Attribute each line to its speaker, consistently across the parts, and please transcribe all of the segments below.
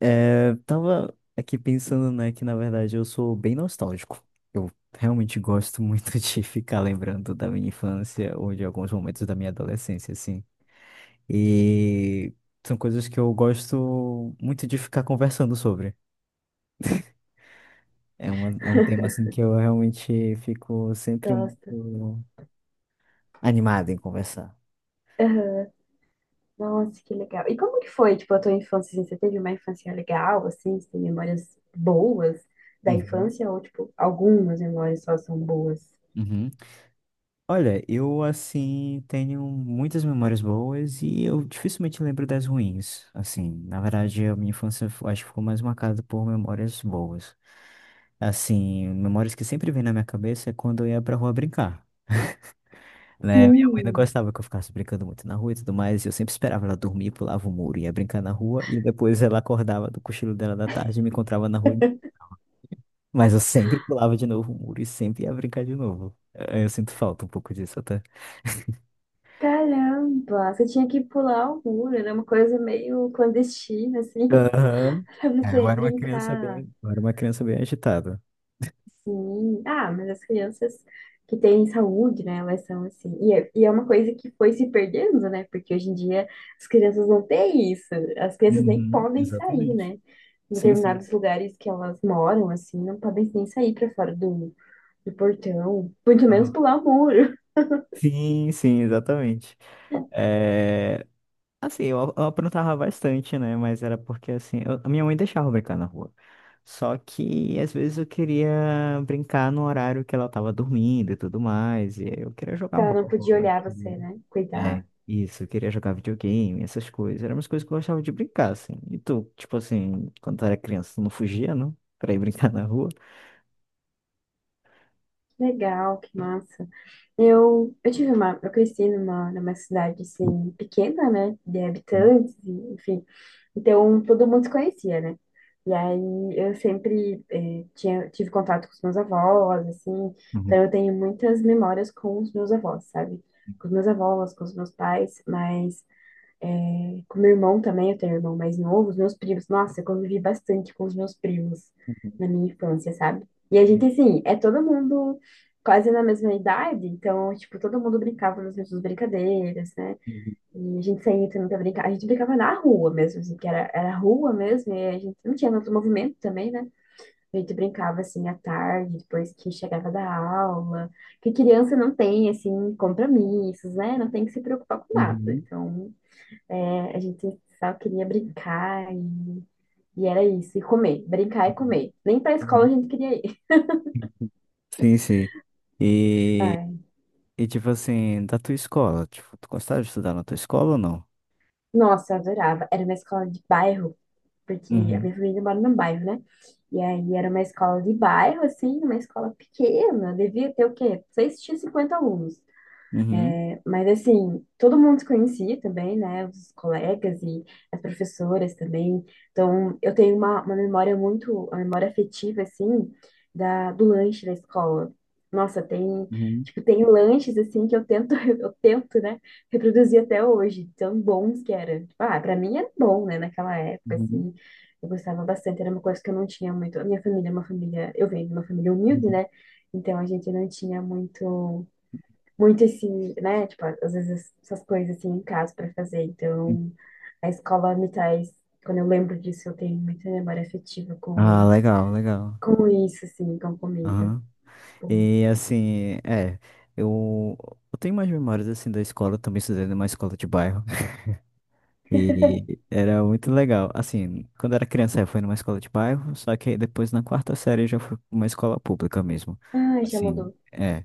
Speaker 1: É, tava aqui pensando, né, que na verdade eu sou bem nostálgico. Eu realmente gosto muito de ficar lembrando da minha infância ou de alguns momentos da minha adolescência, assim. E são coisas que eu gosto muito de ficar conversando sobre. É, é um tema, assim, que eu realmente fico sempre
Speaker 2: Gosto.
Speaker 1: muito animado em conversar.
Speaker 2: Aham. Nossa, que legal. E como que foi, tipo, a tua infância, assim? Você teve uma infância legal, assim? Você tem memórias boas da
Speaker 1: Uhum,
Speaker 2: infância? Ou, tipo, algumas memórias só são boas?
Speaker 1: uhum. Olha, eu assim tenho muitas memórias boas e eu dificilmente lembro das ruins. Assim, na verdade, a minha infância acho que ficou mais marcada por memórias boas. Assim, memórias que sempre vêm na minha cabeça é quando eu ia pra rua brincar, né? Minha mãe não
Speaker 2: Sim.
Speaker 1: gostava que eu ficasse brincando muito na rua e tudo mais, e eu sempre esperava ela dormir, pulava o muro, ia brincar na rua e depois ela acordava do cochilo dela da tarde e me encontrava na rua, mas eu sempre pulava de novo o muro e sempre ia brincar de novo. Eu sinto falta um pouco disso até.
Speaker 2: Caramba, você tinha que pular o muro. Era uma coisa meio clandestina, assim,
Speaker 1: Aham.
Speaker 2: pra
Speaker 1: É,
Speaker 2: você brincar.
Speaker 1: eu era uma criança bem agitada.
Speaker 2: Sim. Ah, mas as crianças que têm saúde, né, elas são assim. E é uma coisa que foi se perdendo, né? Porque hoje em dia as crianças não têm isso. As crianças nem
Speaker 1: Uhum,
Speaker 2: podem sair,
Speaker 1: exatamente.
Speaker 2: né? Em
Speaker 1: Sim, sim.
Speaker 2: determinados lugares que elas moram, assim, não podem nem sair para fora do, portão. Muito menos
Speaker 1: Aham.
Speaker 2: pular o muro.
Speaker 1: Sim, sim, exatamente. É, assim, eu aprontava bastante, né? Mas era porque, assim, a minha mãe deixava eu brincar na rua. Só que, às vezes, eu queria brincar no horário que ela tava dormindo e tudo mais. E eu queria jogar
Speaker 2: Ela não
Speaker 1: bola.
Speaker 2: podia
Speaker 1: Né?
Speaker 2: olhar você, né?
Speaker 1: É,
Speaker 2: Cuidar.
Speaker 1: isso, eu queria jogar videogame, essas coisas. Eram umas coisas que eu gostava de brincar, assim. E tu, tipo assim, quando tu era criança, tu não fugia, não? Pra ir brincar na rua?
Speaker 2: Legal, que massa. Eu cresci numa cidade assim pequena, né, de
Speaker 1: Uhum,
Speaker 2: habitantes, e, enfim. Então todo mundo se conhecia, né? E aí eu sempre tive contato com os meus avós, assim.
Speaker 1: uhum,
Speaker 2: Então eu tenho muitas memórias com os meus avós, sabe? Com os meus avós, com os meus pais, mas é, com meu irmão também, eu tenho um irmão mais novo, os meus primos. Nossa, eu convivi bastante com os meus primos na
Speaker 1: uhum,
Speaker 2: minha infância, sabe? E a gente, assim, é todo mundo quase na mesma idade, então, tipo, todo mundo brincava nas mesmas brincadeiras, né?
Speaker 1: uhum,
Speaker 2: E a gente saía também pra brincar. A gente brincava na rua mesmo, assim, que era, era rua mesmo, e a gente não tinha tanto movimento também, né? A gente brincava, assim, à tarde, depois que chegava da aula. Que criança não tem, assim, compromissos, né? Não tem que se preocupar com nada.
Speaker 1: uhum,
Speaker 2: Então, é, a gente só queria brincar e era isso, e comer, brincar e
Speaker 1: uhum,
Speaker 2: comer. Nem pra escola a
Speaker 1: uhum.
Speaker 2: gente queria ir.
Speaker 1: Uhum. Sim, sim. E,
Speaker 2: Ai,
Speaker 1: e tipo assim, da tua escola, tipo, tu gostava de estudar na tua escola ou não?
Speaker 2: nossa, eu adorava. Era uma escola de bairro, porque a
Speaker 1: Uhum,
Speaker 2: minha família mora num bairro, né? E aí era uma escola de bairro, assim, uma escola pequena, devia ter o quê? 6 Tinha 50 alunos.
Speaker 1: uhum,
Speaker 2: Mas assim, todo mundo se conhecia também, né? Os colegas e as professoras também. Então, eu tenho uma memória muito, uma memória afetiva, assim, da, do lanche da escola. Nossa, tem,
Speaker 1: uhum,
Speaker 2: tipo, tem lanches, assim, que eu tento, eu tento, né, reproduzir até hoje, tão bons que era. Tipo, ah, pra mim era bom, né, naquela época,
Speaker 1: uhum,
Speaker 2: assim, eu gostava bastante, era uma coisa que eu não tinha muito. A minha família é uma família, eu venho de uma família humilde,
Speaker 1: uhum.
Speaker 2: né? Então, a gente não tinha muito esse, né? Tipo, às vezes essas coisas assim em casa para fazer.
Speaker 1: Uhum.
Speaker 2: Então, a escola me traz, quando eu lembro disso, eu tenho muita memória afetiva
Speaker 1: Ah, legal, legal.
Speaker 2: com isso, assim, com comida. Tipo,
Speaker 1: E assim, é, eu, eu tenho mais memórias assim da escola, eu também estudei numa escola de bairro. E era muito legal. Assim, quando eu era criança eu fui numa escola de bairro, só que aí depois na quarta série eu já fui pra uma escola pública mesmo.
Speaker 2: ai, já
Speaker 1: Assim,
Speaker 2: mudou.
Speaker 1: é,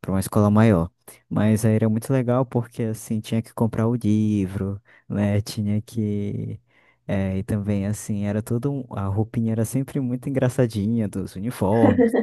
Speaker 1: pra uma escola maior. Mas aí era muito legal porque assim, tinha que comprar o livro, né? Tinha que. É, e também assim, era tudo a roupinha era sempre muito engraçadinha dos uniformes.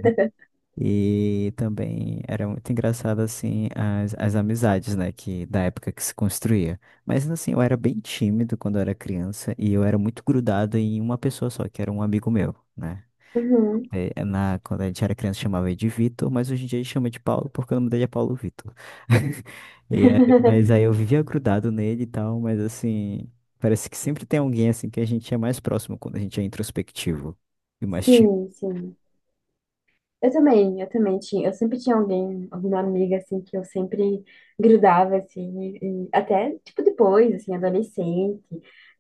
Speaker 1: E também era muito engraçado, assim, as amizades, né, que da época que se construía. Mas, assim, eu era bem tímido quando eu era criança e eu era muito grudado em uma pessoa só, que era um amigo meu, né?
Speaker 2: Uhum.
Speaker 1: Quando a gente era criança chamava ele de Vitor, mas hoje em dia ele chama de Paulo porque o nome dele é Paulo Vitor. Mas aí eu vivia grudado nele e tal, mas, assim, parece que sempre tem alguém, assim, que a gente é mais próximo quando a gente é introspectivo e mais tímido.
Speaker 2: Sim, sim. Eu sempre tinha alguém, alguma amiga assim que eu sempre grudava assim, e até tipo depois, assim, adolescente,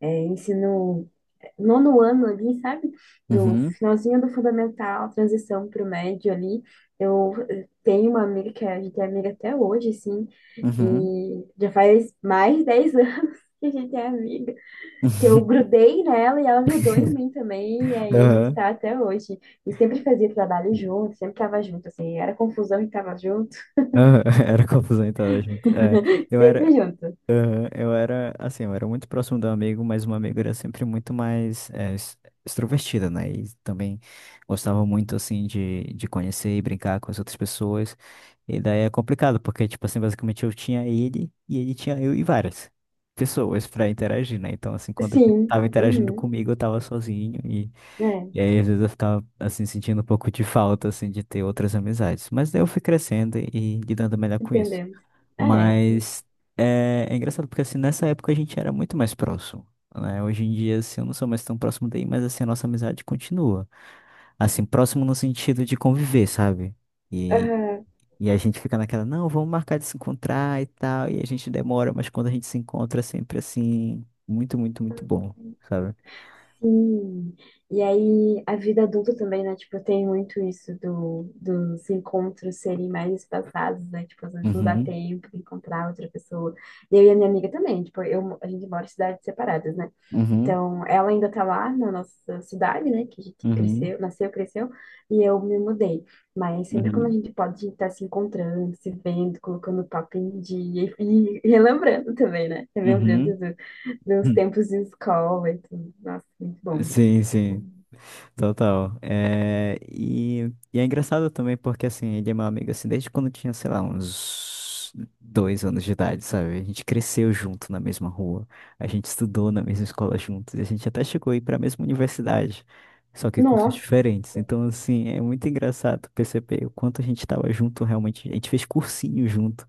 Speaker 2: é, ensino nono ano ali, sabe? Do
Speaker 1: Uhum,
Speaker 2: finalzinho do fundamental, transição para o médio ali. Eu tenho uma amiga que é, a gente é amiga até hoje, assim,
Speaker 1: uhum.
Speaker 2: e já faz mais de 10 anos que a gente é amiga, que eu grudei nela e ela grudou em mim também, e aí a gente
Speaker 1: Aham.
Speaker 2: tá até hoje. E sempre fazia trabalho junto, sempre tava junto, assim, era confusão e tava junto,
Speaker 1: Aham, era confusão então, tava junto. É, eu
Speaker 2: sempre
Speaker 1: era,
Speaker 2: junto.
Speaker 1: aham, eu era, assim, eu era muito próximo do amigo, mas uma amigo era sempre muito mais extrovertida, né? E também gostava muito, assim, de conhecer e brincar com as outras pessoas. E daí é complicado, porque, tipo assim, basicamente eu tinha ele e ele tinha eu e várias pessoas pra interagir, né? Então, assim, quando ele
Speaker 2: Sim,
Speaker 1: tava interagindo
Speaker 2: uhum,
Speaker 1: comigo, eu tava sozinho
Speaker 2: é,
Speaker 1: e aí, às vezes, eu ficava, assim, sentindo um pouco de falta, assim, de ter outras amizades. Mas daí eu fui crescendo e lidando melhor com isso.
Speaker 2: entendemos. É, sim.
Speaker 1: Mas é, é engraçado, porque, assim, nessa época a gente era muito mais próximo, né? Hoje em dia, assim, eu não sou mais tão próximo daí, mas, assim, a nossa amizade continua. Assim, próximo no sentido de conviver, sabe? E,
Speaker 2: Aham.
Speaker 1: e a gente fica naquela, não, vamos marcar de se encontrar e tal. E a gente demora, mas quando a gente se encontra, é sempre, assim, muito, muito, muito bom, sabe?
Speaker 2: Sim. E aí, a vida adulta também, né? Tipo, tem muito isso do, dos encontros serem mais espaçados, né? Tipo, às vezes não dá
Speaker 1: Uhum,
Speaker 2: tempo de encontrar outra pessoa. E eu e a minha amiga também, tipo, eu, a gente mora em cidades separadas, né?
Speaker 1: uhum,
Speaker 2: Então, ela ainda tá lá na nossa cidade, né? Que a gente
Speaker 1: uhum,
Speaker 2: cresceu, nasceu, cresceu, e eu me mudei. Mas sempre quando a
Speaker 1: uhum.
Speaker 2: gente pode estar se encontrando, se vendo, colocando o papo em dia e relembrando também, né? Relembrando
Speaker 1: Uhum.
Speaker 2: meus tempos de escola e tudo. Nossa, muito bom. Muito
Speaker 1: Sim, sim,
Speaker 2: bom.
Speaker 1: total. É, e é engraçado também porque, assim, ele é meu amigo, assim, desde quando eu tinha, sei lá, uns dois anos de idade, sabe? A gente cresceu junto na mesma rua, a gente estudou na mesma escola juntos, e a gente até chegou a ir para a mesma universidade, só que cursos
Speaker 2: Nossa,
Speaker 1: diferentes. Então, assim, é muito engraçado perceber o quanto a gente estava junto realmente. A gente fez cursinho junto.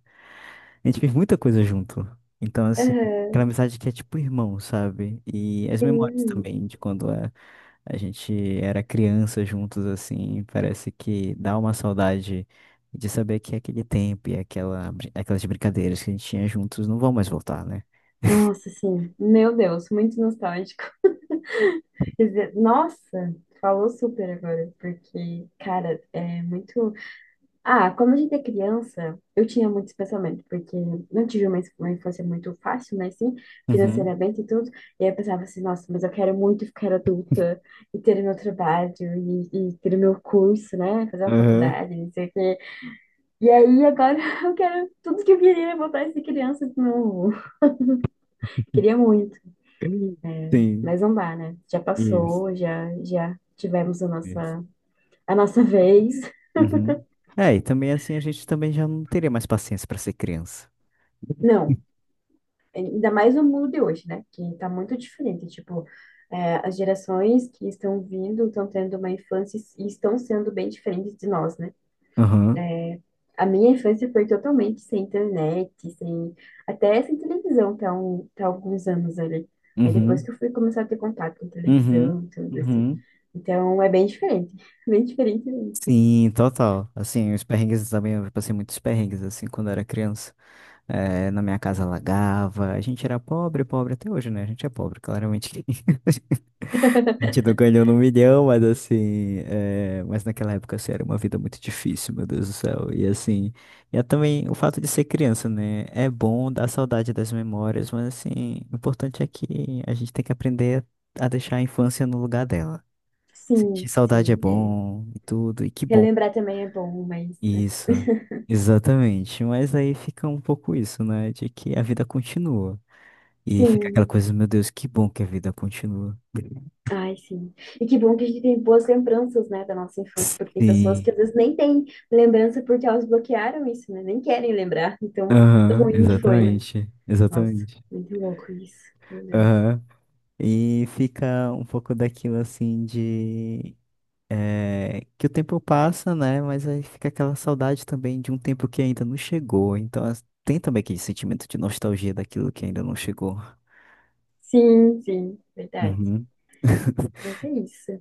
Speaker 1: A gente fez muita coisa junto. Então, assim, aquela
Speaker 2: aham,
Speaker 1: amizade que é tipo irmão, sabe? E as memórias
Speaker 2: sim.
Speaker 1: também de a gente era criança juntos, assim, parece que dá uma saudade de saber que é aquele tempo e aquelas brincadeiras que a gente tinha juntos não vão mais voltar, né?
Speaker 2: Nossa, sim. Meu Deus, muito nostálgico. Quer dizer, nossa, falou super agora, porque, cara, é muito. Ah, quando a gente é criança, eu tinha muito esse pensamento, porque não tive uma infância muito fácil, mas sim,
Speaker 1: Uhum.
Speaker 2: financeiramente e tudo. E aí eu pensava assim, nossa, mas eu quero muito ficar adulta e ter o meu trabalho e ter o meu curso, né? Fazer uma
Speaker 1: Aham.
Speaker 2: faculdade, não sei o quê. E aí, agora eu quero tudo que eu queria era voltar a ser criança de novo. Queria muito,
Speaker 1: Sim,
Speaker 2: mas não dá, né? Já
Speaker 1: isso,
Speaker 2: passou, já tivemos
Speaker 1: isso.
Speaker 2: a nossa vez.
Speaker 1: Uhum. É, e também assim a gente também já não teria mais paciência pra ser criança.
Speaker 2: Não, ainda mais no mundo de hoje, né? Que tá muito diferente, tipo, é, as gerações que estão vindo estão tendo uma infância e estão sendo bem diferentes de nós, né?
Speaker 1: Uhum.
Speaker 2: A minha infância foi totalmente sem internet, sem até sem televisão, até, até alguns anos ali. Aí depois
Speaker 1: Uhum.
Speaker 2: que eu fui começar a ter contato com
Speaker 1: Uhum.
Speaker 2: televisão, tudo assim.
Speaker 1: Uhum.
Speaker 2: Então é bem diferente, bem diferente mesmo.
Speaker 1: Sim, total. Assim, os perrengues também, eu passei muitos perrengues, assim, quando eu era criança. Na minha casa alagava, a gente era pobre, pobre até hoje, né? A gente é pobre, claramente. A gente não ganhou no milhão, mas assim, mas naquela época, assim, era uma vida muito difícil, meu Deus do céu. E assim, e é também o fato de ser criança, né? É bom dar saudade das memórias, mas assim, o importante é que a gente tem que aprender a deixar a infância no lugar dela. Sentir
Speaker 2: Sim,
Speaker 1: saudade é
Speaker 2: sim. É.
Speaker 1: bom e tudo, e que bom.
Speaker 2: Relembrar também é bom, mas né?
Speaker 1: Isso, exatamente. Mas aí fica um pouco isso, né? De que a vida continua. E fica aquela
Speaker 2: Sim,
Speaker 1: coisa, meu Deus, que bom que a vida continua.
Speaker 2: ai sim. E que bom que a gente tem boas lembranças, né, da nossa infância, porque tem pessoas
Speaker 1: Sim.
Speaker 2: que às vezes nem têm lembrança porque elas bloquearam isso, né? Nem querem lembrar. Então,
Speaker 1: Aham,
Speaker 2: ruim que foi.
Speaker 1: exatamente.
Speaker 2: Nossa,
Speaker 1: Exatamente.
Speaker 2: muito louco isso. Meu Deus.
Speaker 1: Aham. E fica um pouco daquilo assim de. Que o tempo passa, né? Mas aí fica aquela saudade também de um tempo que ainda não chegou. Então tem também aquele sentimento de nostalgia daquilo que ainda não chegou.
Speaker 2: Sim, sim, verdade.
Speaker 1: Uhum.
Speaker 2: Mas é isso.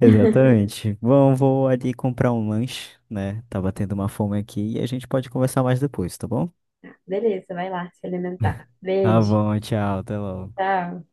Speaker 1: Exatamente. Bom, vou ali comprar um lanche, né? Tá batendo uma fome aqui e a gente pode conversar mais depois, tá bom?
Speaker 2: Beleza, vai lá se alimentar.
Speaker 1: Tá
Speaker 2: Beijo,
Speaker 1: bom, tchau, até logo.
Speaker 2: tchau.